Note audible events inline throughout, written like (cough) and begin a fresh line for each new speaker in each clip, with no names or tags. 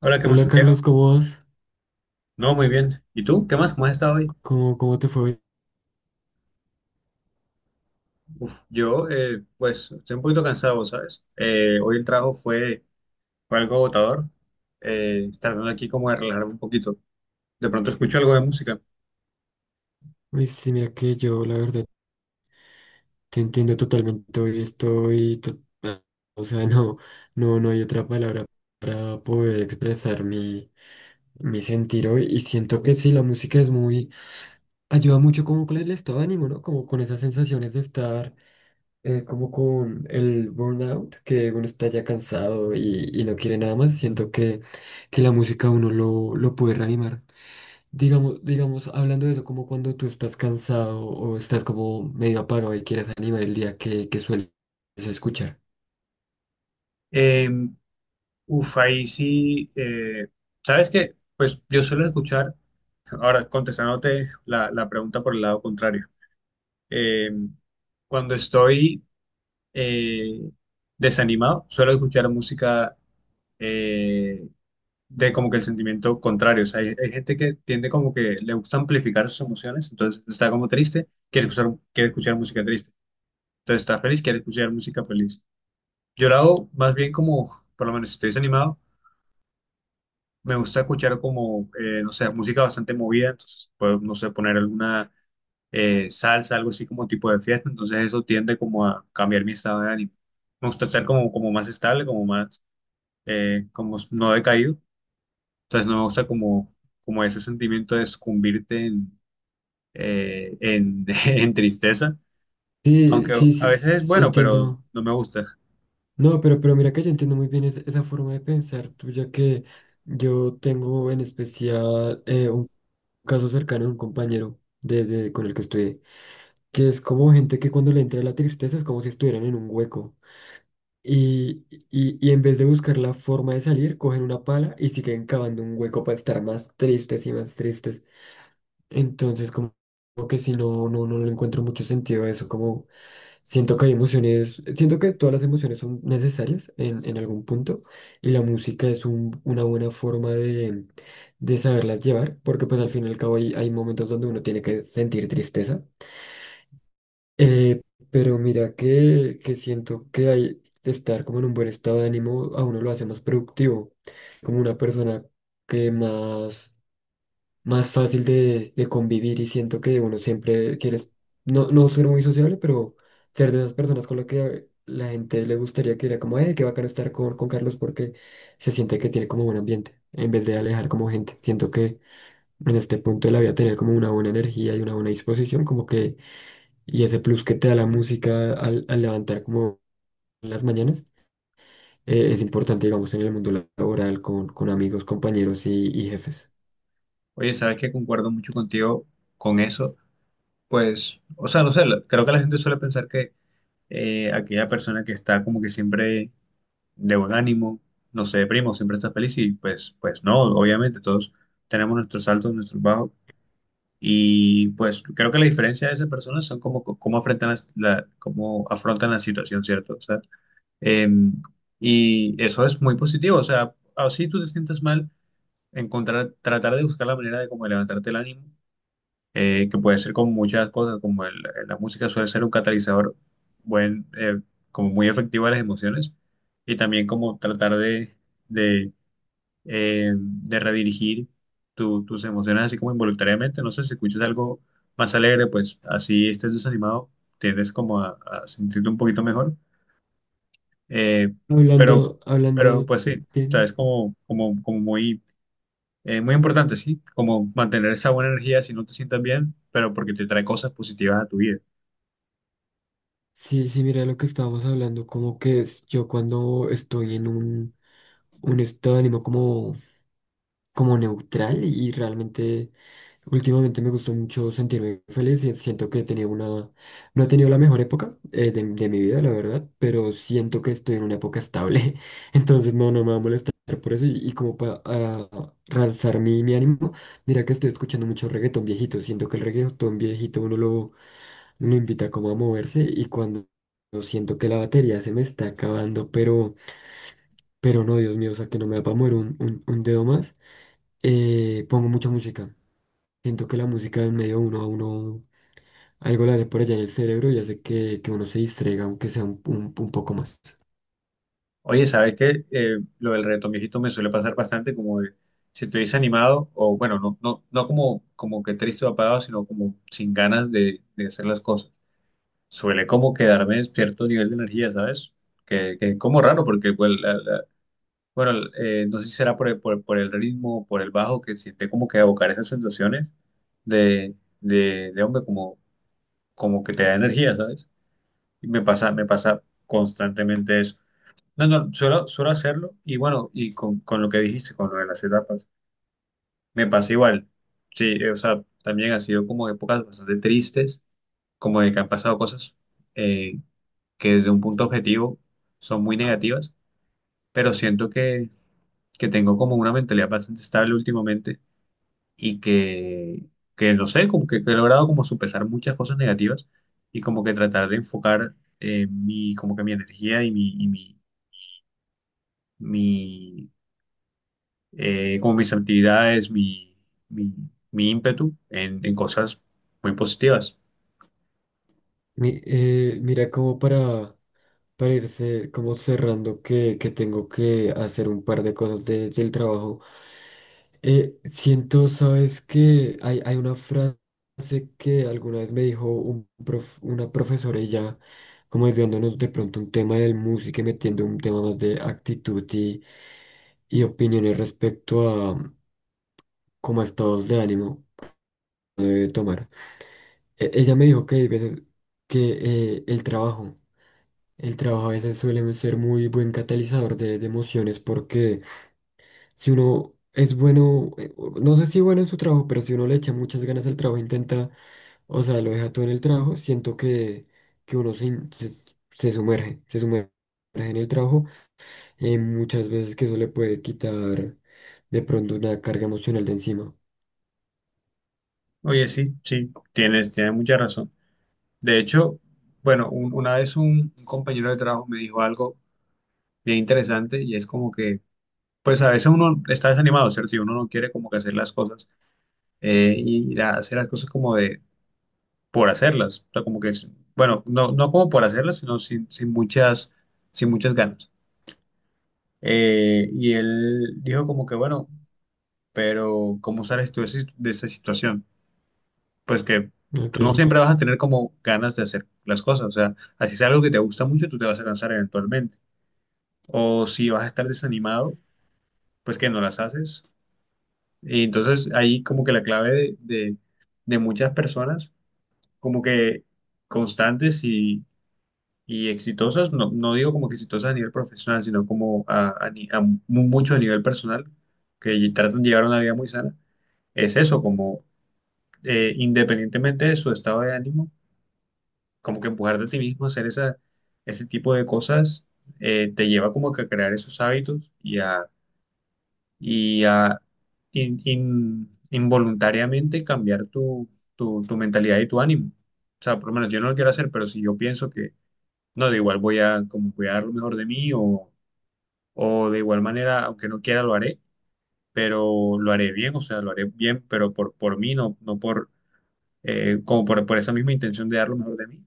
Hola, ¿qué más,
Hola
Santiago?
Carlos, ¿cómo vas?
No, muy bien. ¿Y tú? ¿Qué más? ¿Cómo has estado hoy?
¿Cómo te fue hoy?
Uf, yo, pues, estoy un poquito cansado, ¿sabes? Hoy el trabajo fue algo agotador, tratando aquí como de relajarme un poquito. De pronto escucho algo de música.
Uy, sí, mira que yo la verdad te entiendo totalmente hoy estoy, o sea, (laughs) no, no, no hay otra palabra para poder expresar mi sentir hoy. Y siento que sí, la música es ayuda mucho como con el estado de ánimo, ¿no? Como con esas sensaciones de estar como con el burnout, que uno está ya cansado y no quiere nada más. Siento que la música a uno lo puede reanimar. Hablando de eso, como cuando tú estás cansado o estás como medio apagado y quieres animar el día que sueles escuchar.
Eh, Ahí sí, ¿sabes qué? Pues yo suelo escuchar, ahora contestándote la pregunta por el lado contrario. Eh, Cuando estoy eh, desanimado, suelo escuchar música, eh, de como que el sentimiento contrario. O sea, hay gente que tiende como que le gusta amplificar sus emociones, entonces está como triste, quiere escuchar música triste. Entonces está feliz, quiere escuchar música feliz. Yo lo hago más bien como, por lo menos si estoy desanimado, me gusta escuchar como, no sé, música bastante movida, entonces puedo, no sé, poner alguna salsa, algo así como tipo de fiesta, entonces eso tiende como a cambiar mi estado de ánimo. Me gusta estar como, como más estable, como más, como no decaído. Entonces no me gusta como, como ese sentimiento de sucumbirte en, (laughs) en tristeza,
Sí,
aunque
sí,
a
sí,
veces es
sí,
bueno, pero
entiendo.
no me gusta.
No, pero mira que yo entiendo muy bien esa forma de pensar tuya, que yo tengo en especial un caso cercano de un compañero con el que estudié, que es como gente que cuando le entra la tristeza es como si estuvieran en un hueco. Y, y en vez de buscar la forma de salir, cogen una pala y siguen cavando un hueco para estar más tristes y más tristes. Entonces, como que si no, no, no le encuentro mucho sentido a eso. Como siento que hay emociones, siento que todas las emociones son necesarias en algún punto, y la música es una buena forma de saberlas llevar, porque pues al fin y al cabo hay momentos donde uno tiene que sentir tristeza. Eh, pero mira que siento que estar como en un buen estado de ánimo a uno lo hace más productivo, como una persona que más fácil de convivir. Y siento que uno siempre quiere, no, no ser muy sociable, pero ser de esas personas con las que la gente le gustaría, que era como, qué bacano estar con Carlos, porque se siente que tiene como buen ambiente, en vez de alejar como gente. Siento que en este punto de la vida tener como una buena energía y una buena disposición, como que y ese plus que te da la música al levantar como las mañanas, es importante, digamos, en el mundo laboral, con amigos, compañeros y jefes.
Oye, sabes que concuerdo mucho contigo con eso, pues, o sea, no sé, creo que la gente suele pensar que aquella persona que está como que siempre de buen ánimo, no se deprime, o siempre está feliz y pues, pues no, obviamente todos tenemos nuestros altos, nuestros bajos. Y pues creo que la diferencia de esas personas son cómo, cómo afrontan cómo afrontan la situación, ¿cierto? O sea, eh, y eso es muy positivo. O sea, así tú te sientes mal, encontrar, tratar de buscar la manera de como levantarte el ánimo, que puede ser con muchas cosas, como la música suele ser un catalizador buen, como muy efectivo a las emociones, y también como tratar de redirigir tus emociones así como involuntariamente. No sé, si escuchas algo más alegre, pues así estés desanimado, tiendes como a sentirte un poquito mejor. Eh, pero,
Hablando,
pero
hablando
pues sí, o sea,
de...
es como, como, como muy, muy importante, sí, como mantener esa buena energía si no te sientas bien, pero porque te trae cosas positivas a tu vida.
Sí, sí, mira lo que estábamos hablando, como que yo cuando estoy en un estado de ánimo como neutral. Y realmente últimamente me gustó mucho sentirme feliz, y siento que he tenido no he tenido la mejor época de mi vida, la verdad. Pero siento que estoy en una época estable, (laughs) entonces no, no me va a molestar por eso, y como para realzar mi ánimo, mira que estoy escuchando mucho reggaetón viejito. Siento que el reggaetón viejito uno lo invita como a moverse, y cuando... Siento que la batería se me está acabando, pero no, Dios mío, o sea que no me va a mover un dedo más. Pongo mucha música. Siento que la música en medio uno a uno algo la hace por allá en el cerebro, y hace que uno se distraiga, aunque sea un poco más.
Oye, ¿sabes qué? Lo del reto viejito me suele pasar bastante como de, si estoy desanimado o bueno, no, no, no como, como que triste o apagado, sino como sin ganas de hacer las cosas. Suele como quedarme en cierto nivel de energía, ¿sabes? Que es como raro porque, pues, bueno, no sé si será por el ritmo, por el bajo, que siente como que evocar esas sensaciones de, de hombre, como, como que te da energía, ¿sabes? Y me pasa constantemente eso. No, no, suelo hacerlo y bueno, y con lo que dijiste, con lo de las etapas, me pasa igual. Sí, o sea, también ha sido como épocas bastante tristes, como de que han pasado cosas eh, que desde un punto objetivo son muy negativas, pero siento que tengo como una mentalidad bastante estable últimamente y que no sé, como que he logrado como supesar muchas cosas negativas y como que tratar de enfocar mi, como que mi energía y mi, mi como mis actividades, mi, mi ímpetu en cosas muy positivas.
Mira, como para irse como cerrando, que tengo que hacer un par de cosas del trabajo. Siento, sabes que hay una frase que alguna vez me dijo una profesora. Y ya, como desviándonos de pronto un tema del música y metiendo un tema más de actitud y opiniones respecto a, como a estados de ánimo que debe tomar. Ella me dijo que hay veces que el trabajo, a veces suele ser muy buen catalizador de emociones, porque si uno es bueno, no sé si bueno en su trabajo, pero si uno le echa muchas ganas al trabajo, intenta, o sea, lo deja todo en el trabajo. Siento que uno se, in- se, se sumerge en el trabajo. Muchas veces que eso le puede quitar de pronto una carga emocional de encima.
Oye, sí, sí, tienes, tienes mucha razón. De hecho, bueno, una vez un compañero de trabajo me dijo algo bien interesante y es como que, pues a veces uno está desanimado, ¿cierto? Y uno no quiere como que hacer las cosas, y hacer las cosas como de por hacerlas. O sea, como que, bueno, no, no como por hacerlas, sino sin, sin muchas, sin muchas ganas. Y él dijo como que, bueno, pero ¿cómo sales tú de esa situación? Pues que
Ok.
tú no siempre vas a tener como ganas de hacer las cosas, o sea, así es algo que te gusta mucho, tú te vas a cansar eventualmente. O si vas a estar desanimado, pues que no las haces. Y entonces ahí como que la clave de, de muchas personas, como que constantes y exitosas, no, no digo como que exitosas a nivel profesional, sino como a, mucho a nivel personal, que tratan de llevar una vida muy sana, es eso, como independientemente de su estado de ánimo, como que empujar de ti mismo a hacer esa, ese tipo de cosas, te lleva como que a crear esos hábitos y a involuntariamente cambiar tu, tu, tu mentalidad y tu ánimo. O sea, por lo menos yo no lo quiero hacer, pero si yo pienso que, no, de igual voy a como voy a dar lo mejor de mí o de igual manera, aunque no quiera, lo haré, pero lo haré bien, o sea, lo haré bien, pero por mí, no, no por, como por esa misma intención de dar lo mejor de mí,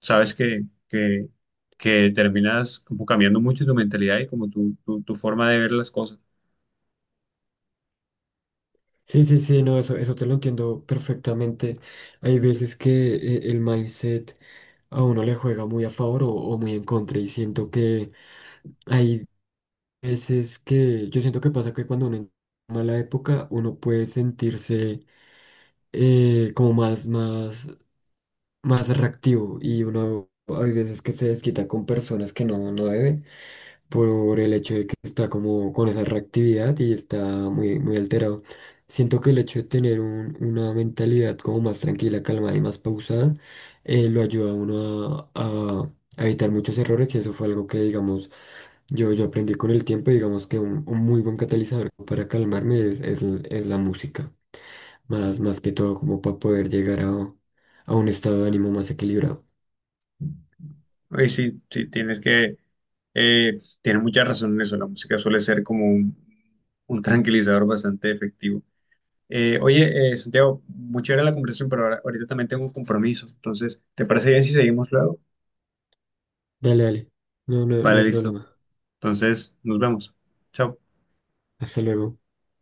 sabes que terminas como cambiando mucho tu mentalidad y como tu forma de ver las cosas.
Sí, sí, sí, no, eso te lo entiendo perfectamente. Hay veces que el mindset a uno le juega muy a favor o muy en contra. Y siento que hay veces que yo siento que pasa que cuando uno en mala época uno puede sentirse como más reactivo. Y uno hay veces que se desquita con personas que no, no debe, por el hecho de que está como con esa reactividad y está muy, muy alterado. Siento que el hecho de tener una mentalidad como más tranquila, calmada y más pausada, lo ayuda a uno a evitar muchos errores. Y eso fue algo que, digamos, yo aprendí con el tiempo. Y digamos que un muy buen catalizador para calmarme es la música, más que todo como para poder llegar a un estado de ánimo más equilibrado.
Y sí, sí, tienes que, tienes mucha razón en eso, la música suele ser como un tranquilizador bastante efectivo. Santiago, muy chévere la conversación, pero ahora, ahorita también tengo un compromiso, entonces, ¿te parece bien si seguimos luego?
Dale, dale, no, no, no
Vale,
hay
listo.
problema.
Entonces, nos vemos. Chao.
Hasta luego.